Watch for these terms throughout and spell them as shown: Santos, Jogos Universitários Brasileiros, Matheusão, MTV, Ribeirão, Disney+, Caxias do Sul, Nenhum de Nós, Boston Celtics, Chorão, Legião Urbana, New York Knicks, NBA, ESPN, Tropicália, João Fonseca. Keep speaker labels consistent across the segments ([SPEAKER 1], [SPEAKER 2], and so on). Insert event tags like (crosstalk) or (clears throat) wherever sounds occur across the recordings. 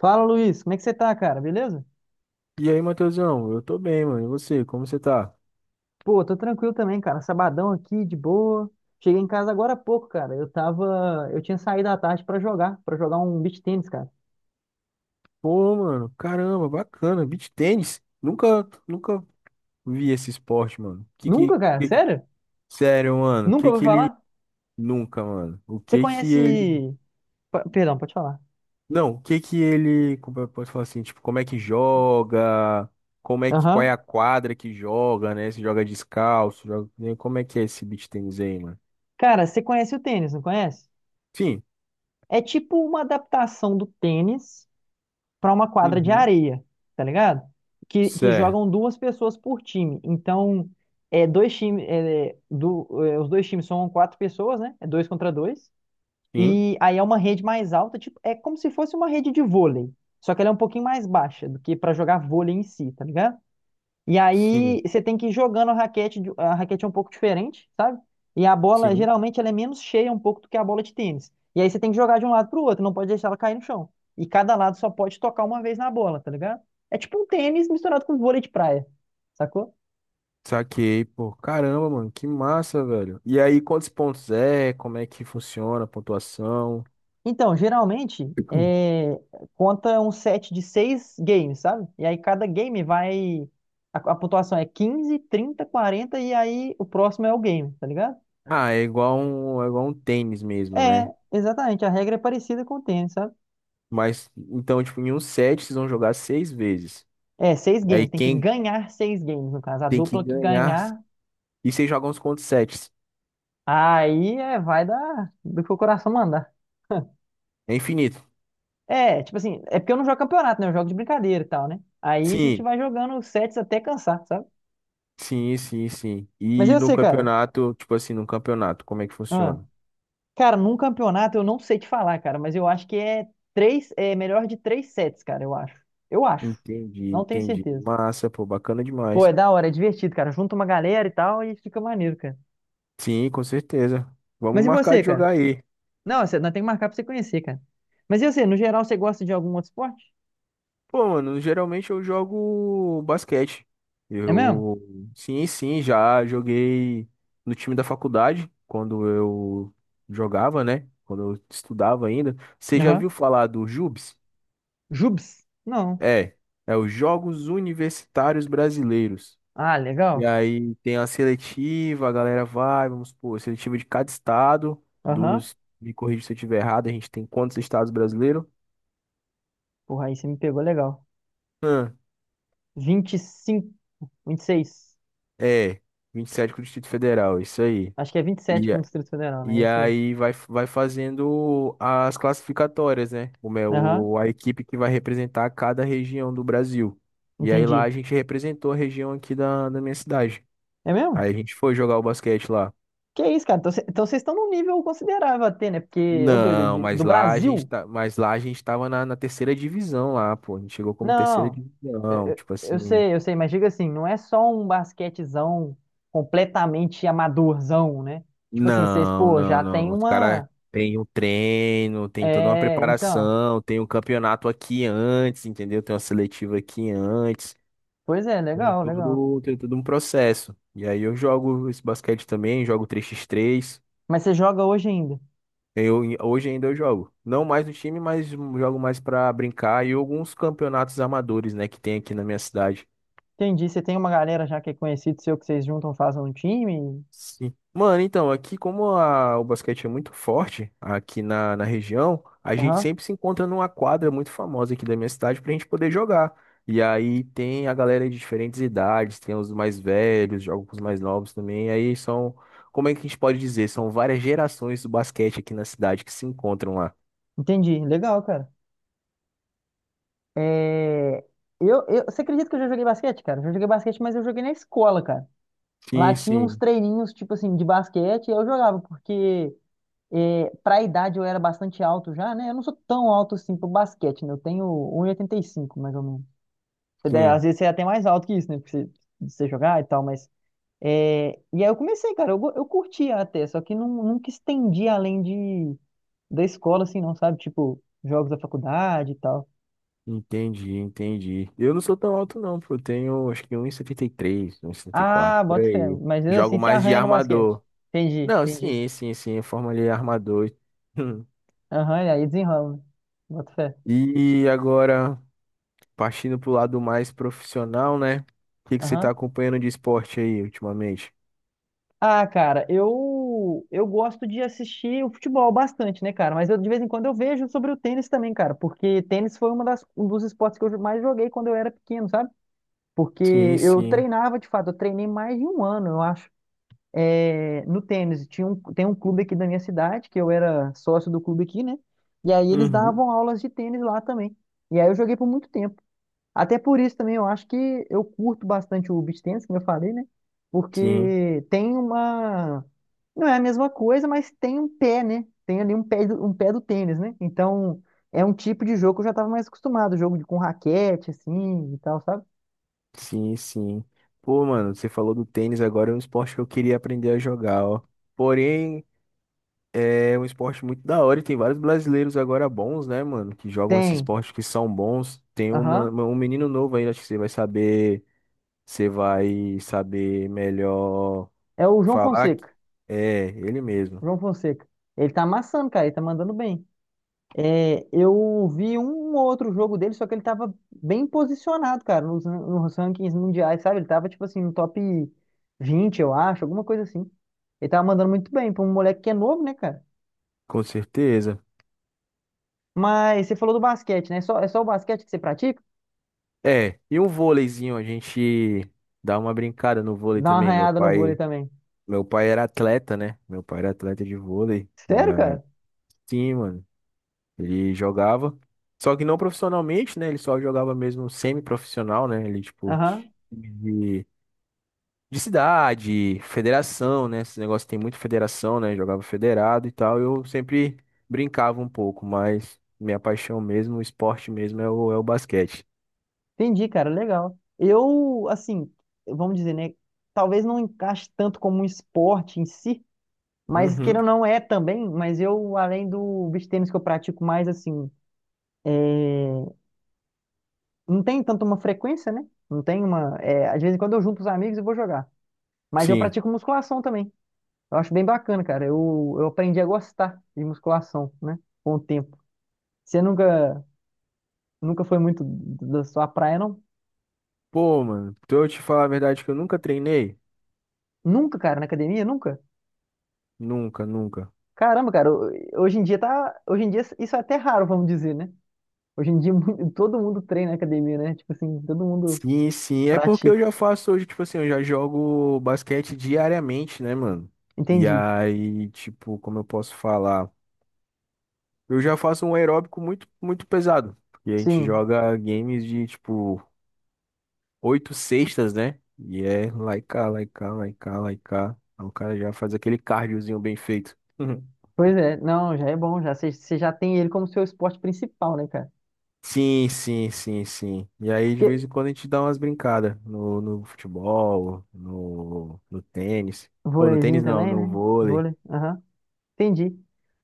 [SPEAKER 1] Fala, Luiz, como é que você tá, cara? Beleza?
[SPEAKER 2] E aí, Matheusão, eu tô bem, mano. E você, como você tá?
[SPEAKER 1] Pô, tô tranquilo também, cara. Sabadão aqui, de boa. Cheguei em casa agora há pouco, cara. Eu tinha saído à tarde pra jogar um beach tênis, cara.
[SPEAKER 2] Pô, mano, caramba, bacana. Beach tênis? Nunca vi esse esporte, mano.
[SPEAKER 1] Nunca, cara?
[SPEAKER 2] Que que-
[SPEAKER 1] Sério?
[SPEAKER 2] Sério, mano.
[SPEAKER 1] Nunca ouviu
[SPEAKER 2] Que ele.
[SPEAKER 1] falar?
[SPEAKER 2] Nunca, mano. O
[SPEAKER 1] Você
[SPEAKER 2] que que ele.
[SPEAKER 1] conhece, Perdão, pode falar.
[SPEAKER 2] Não, o que que ele. Como eu posso falar assim? Tipo, como é que joga? Como é que. Qual é
[SPEAKER 1] Aham.
[SPEAKER 2] a quadra que joga, né? Se joga descalço, joga, né? Como é que é esse beach tênis aí, mano?
[SPEAKER 1] Cara, você conhece o tênis, não conhece?
[SPEAKER 2] Sim.
[SPEAKER 1] É tipo uma adaptação do tênis, para uma quadra de
[SPEAKER 2] Uhum.
[SPEAKER 1] areia, tá ligado? Que
[SPEAKER 2] Certo.
[SPEAKER 1] jogam duas pessoas por time. Então, é dois times, os dois times são quatro pessoas, né? É dois contra dois.
[SPEAKER 2] Sim.
[SPEAKER 1] E aí é uma rede mais alta, tipo, é como se fosse uma rede de vôlei, só que ela é um pouquinho mais baixa do que para jogar vôlei em si, tá ligado? E
[SPEAKER 2] Sim.
[SPEAKER 1] aí você tem que ir jogando a raquete, a raquete é um pouco diferente, sabe? E a bola
[SPEAKER 2] Sim.
[SPEAKER 1] geralmente ela é menos cheia um pouco do que a bola de tênis. E aí você tem que jogar de um lado para o outro, não pode deixar ela cair no chão. E cada lado só pode tocar uma vez na bola, tá ligado? É tipo um tênis misturado com vôlei de praia, sacou?
[SPEAKER 2] Saquei, pô. Caramba, mano, que massa, velho. E aí, quantos pontos é? Como é que funciona a pontuação?
[SPEAKER 1] Então, geralmente
[SPEAKER 2] (clears throat)
[SPEAKER 1] conta um set de seis games, sabe? E aí cada game vai. A pontuação é 15 30 40 e aí o próximo é o game, tá ligado?
[SPEAKER 2] Ah, é igual um tênis mesmo,
[SPEAKER 1] É,
[SPEAKER 2] né?
[SPEAKER 1] exatamente. A regra é parecida com o tênis, sabe?
[SPEAKER 2] Mas, então, tipo, em um set vocês vão jogar seis vezes.
[SPEAKER 1] É, seis
[SPEAKER 2] Aí
[SPEAKER 1] games, tem que
[SPEAKER 2] quem
[SPEAKER 1] ganhar seis games, no caso. A
[SPEAKER 2] tem que
[SPEAKER 1] dupla que
[SPEAKER 2] ganhar.
[SPEAKER 1] ganhar,
[SPEAKER 2] E vocês jogam uns contra sets.
[SPEAKER 1] aí vai do que o coração mandar. (laughs)
[SPEAKER 2] É infinito.
[SPEAKER 1] É, tipo assim, é porque eu não jogo campeonato, né? Eu jogo de brincadeira e tal, né? Aí a gente
[SPEAKER 2] Sim,
[SPEAKER 1] vai jogando sets até cansar, sabe?
[SPEAKER 2] sim, sim, sim.
[SPEAKER 1] Mas
[SPEAKER 2] E
[SPEAKER 1] eu
[SPEAKER 2] no
[SPEAKER 1] sei, cara.
[SPEAKER 2] campeonato, tipo assim, no campeonato, como é que
[SPEAKER 1] Ah,
[SPEAKER 2] funciona?
[SPEAKER 1] cara, num campeonato eu não sei te falar, cara, mas eu acho que é melhor de três sets, cara, eu acho. Eu acho.
[SPEAKER 2] Entendi,
[SPEAKER 1] Não tenho
[SPEAKER 2] entendi.
[SPEAKER 1] certeza.
[SPEAKER 2] Massa, pô, bacana
[SPEAKER 1] Pô,
[SPEAKER 2] demais.
[SPEAKER 1] é da hora, é divertido, cara. Junta uma galera e tal e fica maneiro, cara.
[SPEAKER 2] Sim, com certeza. Vamos
[SPEAKER 1] Mas e
[SPEAKER 2] marcar
[SPEAKER 1] você,
[SPEAKER 2] de
[SPEAKER 1] cara?
[SPEAKER 2] jogar aí.
[SPEAKER 1] Não, nós temos que marcar pra você conhecer, cara. Mas e você, no geral, você gosta de algum outro esporte?
[SPEAKER 2] Pô, mano, geralmente eu jogo basquete.
[SPEAKER 1] É mesmo?
[SPEAKER 2] Eu, sim, sim, já joguei no time da faculdade, quando eu jogava, né? Quando eu estudava ainda. Você já
[SPEAKER 1] Aham.
[SPEAKER 2] viu falar do JUBs?
[SPEAKER 1] Jubes? Não.
[SPEAKER 2] É, é os Jogos Universitários Brasileiros.
[SPEAKER 1] Ah,
[SPEAKER 2] E
[SPEAKER 1] legal.
[SPEAKER 2] aí tem a seletiva, a galera vai, vamos supor, seletiva de cada estado,
[SPEAKER 1] Aham.
[SPEAKER 2] me corrija se eu estiver errado, a gente tem quantos estados brasileiros?
[SPEAKER 1] Porra, aí você me pegou legal.
[SPEAKER 2] Hum,
[SPEAKER 1] Vinte e cinco, 26.
[SPEAKER 2] é, 27 com o Distrito Federal, isso aí.
[SPEAKER 1] Acho que é vinte e
[SPEAKER 2] E
[SPEAKER 1] sete com o Distrito Federal, né? É
[SPEAKER 2] E
[SPEAKER 1] isso aí.
[SPEAKER 2] aí vai fazendo as classificatórias, né? Como é
[SPEAKER 1] Aham.
[SPEAKER 2] a equipe que vai representar cada região do Brasil. E aí lá
[SPEAKER 1] Entendi.
[SPEAKER 2] a gente representou a região aqui da minha cidade.
[SPEAKER 1] É mesmo?
[SPEAKER 2] Aí a gente foi jogar o basquete lá.
[SPEAKER 1] Que isso, cara? Então vocês estão num nível considerável até, né? Porque eu
[SPEAKER 2] Não,
[SPEAKER 1] do Brasil.
[SPEAKER 2] mas lá a gente tava na terceira divisão lá, pô. A gente chegou como terceira
[SPEAKER 1] Não, eu,
[SPEAKER 2] divisão,
[SPEAKER 1] eu-
[SPEAKER 2] tipo
[SPEAKER 1] eu
[SPEAKER 2] assim.
[SPEAKER 1] sei, eu sei, mas diga assim, não é só um basquetezão completamente amadorzão, né? Tipo assim, vocês,
[SPEAKER 2] Não,
[SPEAKER 1] pô,
[SPEAKER 2] não,
[SPEAKER 1] já
[SPEAKER 2] não.
[SPEAKER 1] tem
[SPEAKER 2] Os caras
[SPEAKER 1] uma.
[SPEAKER 2] têm um treino, tem toda uma
[SPEAKER 1] É, então.
[SPEAKER 2] preparação, tem um campeonato aqui antes, entendeu? Tem uma seletiva aqui antes.
[SPEAKER 1] Pois é,
[SPEAKER 2] Tem
[SPEAKER 1] legal, legal.
[SPEAKER 2] todo, tem todo um processo. E aí eu jogo esse basquete também, jogo três x três.
[SPEAKER 1] Mas você joga hoje ainda.
[SPEAKER 2] Hoje ainda eu jogo. Não mais no time, mas jogo mais pra brincar e alguns campeonatos amadores, né, que tem aqui na minha cidade.
[SPEAKER 1] Entendi. Você tem uma galera já que é conhecido seu que vocês juntam, fazem um time.
[SPEAKER 2] Sim. Mano, então, aqui como o basquete é muito forte aqui na região, a gente
[SPEAKER 1] Aham.
[SPEAKER 2] sempre se encontra numa quadra muito famosa aqui da minha cidade pra gente poder jogar. E aí tem a galera de diferentes idades, tem os mais velhos, jogam com os mais novos também. E aí são, como é que a gente pode dizer? São várias gerações do basquete aqui na cidade que se encontram lá.
[SPEAKER 1] Entendi. Legal, cara. É, você acredita que eu já joguei basquete, cara? Eu já joguei basquete, mas eu joguei na escola, cara. Lá
[SPEAKER 2] Sim,
[SPEAKER 1] tinha uns
[SPEAKER 2] sim,
[SPEAKER 1] treininhos, tipo assim, de basquete, e eu jogava, porque. Para a idade eu era bastante alto já, né? Eu não sou tão alto assim pro basquete, né? Eu tenho um 1,85 mais ou menos. Às
[SPEAKER 2] sim.
[SPEAKER 1] vezes você é até mais alto que isso, né? Porque você, de você jogar e tal, mas. E aí eu comecei, cara, eu curtia até, só que não, nunca estendi além de da escola, assim, não, sabe? Tipo, jogos da faculdade e tal.
[SPEAKER 2] Entendi, entendi. Eu não sou tão alto não, pô. Eu tenho, acho que, um setenta, setenta e três, um e setenta e quatro
[SPEAKER 1] Ah,
[SPEAKER 2] por
[SPEAKER 1] bota fé.
[SPEAKER 2] aí.
[SPEAKER 1] Mas mesmo
[SPEAKER 2] Jogo
[SPEAKER 1] assim se
[SPEAKER 2] mais de
[SPEAKER 1] arranha no basquete.
[SPEAKER 2] armador.
[SPEAKER 1] Entendi,
[SPEAKER 2] Não,
[SPEAKER 1] entendi.
[SPEAKER 2] sim, sim, sim, forma ali armador. E
[SPEAKER 1] Aham, e aí desenrola, né? Bota fé.
[SPEAKER 2] (laughs) E agora, partindo pro lado mais profissional, né? O que que você tá
[SPEAKER 1] Aham.
[SPEAKER 2] acompanhando de esporte aí ultimamente?
[SPEAKER 1] Ah, cara, eu gosto de assistir o futebol bastante, né, cara? Mas eu de vez em quando eu vejo sobre o tênis também, cara, porque tênis foi um dos esportes que eu mais joguei quando eu era pequeno, sabe? Porque
[SPEAKER 2] Sim,
[SPEAKER 1] eu
[SPEAKER 2] sim.
[SPEAKER 1] treinava, de fato, eu treinei mais de um ano, eu acho, no tênis. Tem um clube aqui da minha cidade, que eu era sócio do clube aqui, né? E aí eles
[SPEAKER 2] Uhum.
[SPEAKER 1] davam aulas de tênis lá também. E aí eu joguei por muito tempo. Até por isso também eu acho que eu curto bastante o beach tennis, como eu falei, né?
[SPEAKER 2] Sim,
[SPEAKER 1] Porque tem uma. Não é a mesma coisa, mas tem um pé, né? Tem ali um pé do tênis, né? Então é um tipo de jogo que eu já estava mais acostumado, com raquete, assim e tal, sabe?
[SPEAKER 2] sim, sim. Pô, mano, você falou do tênis agora, é um esporte que eu queria aprender a jogar, ó. Porém, é um esporte muito da hora e tem vários brasileiros agora bons, né, mano, que jogam esse
[SPEAKER 1] Tem.
[SPEAKER 2] esporte que são bons. Tem
[SPEAKER 1] Aham.
[SPEAKER 2] um menino novo aí, acho que você vai saber melhor.
[SPEAKER 1] É o João
[SPEAKER 2] Falar que
[SPEAKER 1] Fonseca.
[SPEAKER 2] é ele mesmo,
[SPEAKER 1] João Fonseca. Ele tá amassando, cara, ele tá mandando bem. É, eu vi um ou outro jogo dele, só que ele tava bem posicionado, cara, nos rankings mundiais, sabe? Ele tava, tipo assim, no top 20, eu acho, alguma coisa assim. Ele tava mandando muito bem pra um moleque que é novo, né, cara?
[SPEAKER 2] com certeza.
[SPEAKER 1] Mas você falou do basquete, né? É só o basquete que você pratica?
[SPEAKER 2] É, e um vôleizinho, a gente dá uma brincada no vôlei
[SPEAKER 1] Dá uma
[SPEAKER 2] também. Meu
[SPEAKER 1] arranhada no vôlei
[SPEAKER 2] pai,
[SPEAKER 1] também.
[SPEAKER 2] meu pai era atleta, né? Meu pai era atleta de vôlei. E
[SPEAKER 1] Sério,
[SPEAKER 2] aí,
[SPEAKER 1] cara?
[SPEAKER 2] sim, mano, ele jogava. Só que não profissionalmente, né? Ele só jogava mesmo semi-profissional, né? Ele, tipo,
[SPEAKER 1] Aham.
[SPEAKER 2] de de cidade, federação, né? Esse negócio tem muito federação, né? Jogava federado e tal. Eu sempre brincava um pouco, mas minha paixão mesmo, o esporte mesmo é o basquete.
[SPEAKER 1] Entendi, cara, legal. Eu, assim, vamos dizer, né? Talvez não encaixe tanto como um esporte em si, mas
[SPEAKER 2] Uhum,
[SPEAKER 1] queira ou não é também, mas eu, além do beach tênis que eu pratico mais assim, não tem tanto uma frequência, né? Não tem uma. Às vezes, quando eu junto os amigos eu vou jogar. Mas eu
[SPEAKER 2] sim.
[SPEAKER 1] pratico musculação também. Eu acho bem bacana, cara. Eu aprendi a gostar de musculação, né? Com o tempo. Você nunca, nunca foi muito da sua praia, não?
[SPEAKER 2] Pô, mano, pra eu te falar a verdade que eu nunca treinei?
[SPEAKER 1] Nunca, cara, na academia? Nunca?
[SPEAKER 2] Nunca, nunca.
[SPEAKER 1] Caramba, cara, hoje em dia tá. Hoje em dia isso é até raro, vamos dizer, né? Hoje em dia (laughs) todo mundo treina na academia, né? Tipo assim, todo mundo
[SPEAKER 2] Sim, sim. É porque eu
[SPEAKER 1] pratica.
[SPEAKER 2] já faço hoje, tipo assim, eu já jogo basquete diariamente, né, mano? E
[SPEAKER 1] Entendi.
[SPEAKER 2] aí, tipo, como eu posso falar? Eu já faço um aeróbico muito, muito pesado. Porque a gente
[SPEAKER 1] Sim.
[SPEAKER 2] joga games de, tipo, oito sextas, né? E é lá e cá, lá e cá, lá e cá, lá e cá. Aí o cara já faz aquele cardiozinho bem feito. (laughs) Uhum.
[SPEAKER 1] Pois é, não, já é bom, já você já tem ele como seu esporte principal, né, cara?
[SPEAKER 2] Sim, sim, sim, sim. E aí, de
[SPEAKER 1] Porque
[SPEAKER 2] vez em quando, a gente dá umas brincadas no futebol, no tênis. Ou no
[SPEAKER 1] vôleizinho
[SPEAKER 2] tênis não,
[SPEAKER 1] também,
[SPEAKER 2] no
[SPEAKER 1] né?
[SPEAKER 2] vôlei.
[SPEAKER 1] Vôlei, aham, entendi.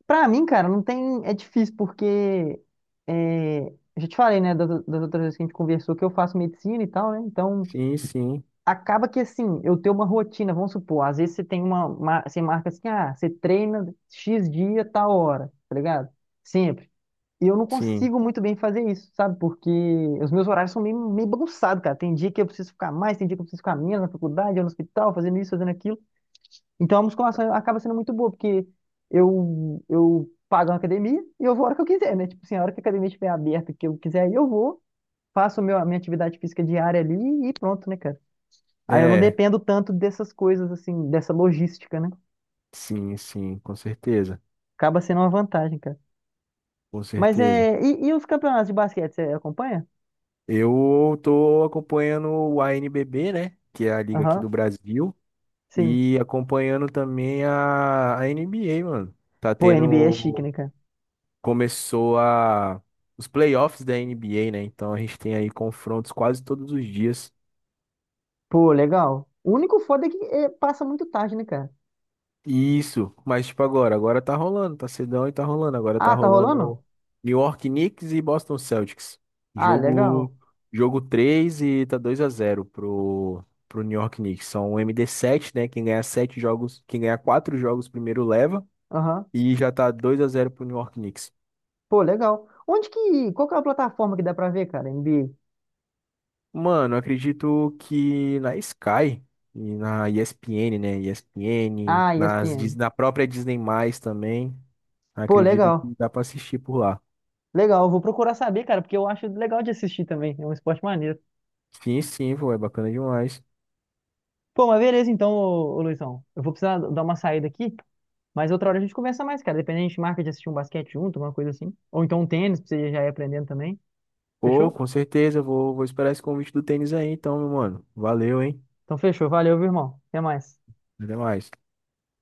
[SPEAKER 1] Pra mim, cara, não tem, é difícil porque eu já te falei, né, das outras vezes que a gente conversou que eu faço medicina e tal, né? Então
[SPEAKER 2] Sim, sim,
[SPEAKER 1] acaba que assim, eu tenho uma rotina, vamos supor, às vezes você tem você marca assim, ah, você treina X dia, tal hora, tá ligado? Sempre. E eu não
[SPEAKER 2] sim.
[SPEAKER 1] consigo muito bem fazer isso, sabe? Porque os meus horários são meio bagunçados, cara. Tem dia que eu preciso ficar mais, tem dia que eu preciso ficar menos na faculdade, ou no hospital, fazendo isso, fazendo aquilo. Então a musculação acaba sendo muito boa, porque eu pago uma academia e eu vou a hora que eu quiser, né? Tipo assim, a hora que a academia estiver aberta, que eu quiser, aí eu vou, faço a minha atividade física diária ali e pronto, né, cara? Aí eu não
[SPEAKER 2] É,
[SPEAKER 1] dependo tanto dessas coisas, assim, dessa logística, né?
[SPEAKER 2] sim, sim, com certeza.
[SPEAKER 1] Acaba sendo uma vantagem, cara.
[SPEAKER 2] Com
[SPEAKER 1] Mas
[SPEAKER 2] certeza.
[SPEAKER 1] é. E os campeonatos de basquete, você acompanha?
[SPEAKER 2] Eu tô acompanhando o NBB, né? Que é a liga aqui
[SPEAKER 1] Aham,
[SPEAKER 2] do Brasil.
[SPEAKER 1] sim.
[SPEAKER 2] E acompanhando também a NBA, mano. Tá
[SPEAKER 1] Pô, NBA é chique,
[SPEAKER 2] tendo.
[SPEAKER 1] né, cara?
[SPEAKER 2] Começou a. Os playoffs da NBA, né? Então a gente tem aí confrontos quase todos os dias.
[SPEAKER 1] Pô, legal. O único foda é que passa muito tarde, né, cara?
[SPEAKER 2] Isso, mas tipo agora tá rolando, tá cedão e tá rolando. Agora tá
[SPEAKER 1] Ah, tá rolando?
[SPEAKER 2] rolando New York Knicks e Boston Celtics.
[SPEAKER 1] Ah, legal.
[SPEAKER 2] Jogo, jogo 3 e tá 2-0 pro New York Knicks. São o md sete, né? Quem ganhar sete jogos, quem ganhar quatro jogos primeiro leva.
[SPEAKER 1] Aham.
[SPEAKER 2] E já tá 2-0 pro New York Knicks.
[SPEAKER 1] Pô, legal. Onde que. Qual que é a plataforma que dá pra ver, cara? NBA.
[SPEAKER 2] Mano, eu acredito que na Sky e na ESPN, né? ESPN,
[SPEAKER 1] Ah, ESPN.
[SPEAKER 2] na própria Disney+, também.
[SPEAKER 1] Pô,
[SPEAKER 2] Acredito
[SPEAKER 1] legal.
[SPEAKER 2] que dá pra assistir por lá.
[SPEAKER 1] Legal. Eu vou procurar saber, cara, porque eu acho legal de assistir também. É um esporte maneiro.
[SPEAKER 2] Sim, sim, pô, é bacana demais.
[SPEAKER 1] Pô, mas beleza então, ô Luizão. Eu vou precisar dar uma saída aqui, mas outra hora a gente conversa mais, cara. Dependendo, a gente marca de assistir um basquete junto, alguma coisa assim. Ou então um tênis, pra você já ir aprendendo também.
[SPEAKER 2] Pô,
[SPEAKER 1] Fechou?
[SPEAKER 2] com certeza, eu vou esperar esse convite do tênis aí, então, meu mano. Valeu, hein?
[SPEAKER 1] Então fechou. Valeu, viu, irmão. Até mais.
[SPEAKER 2] Até mais.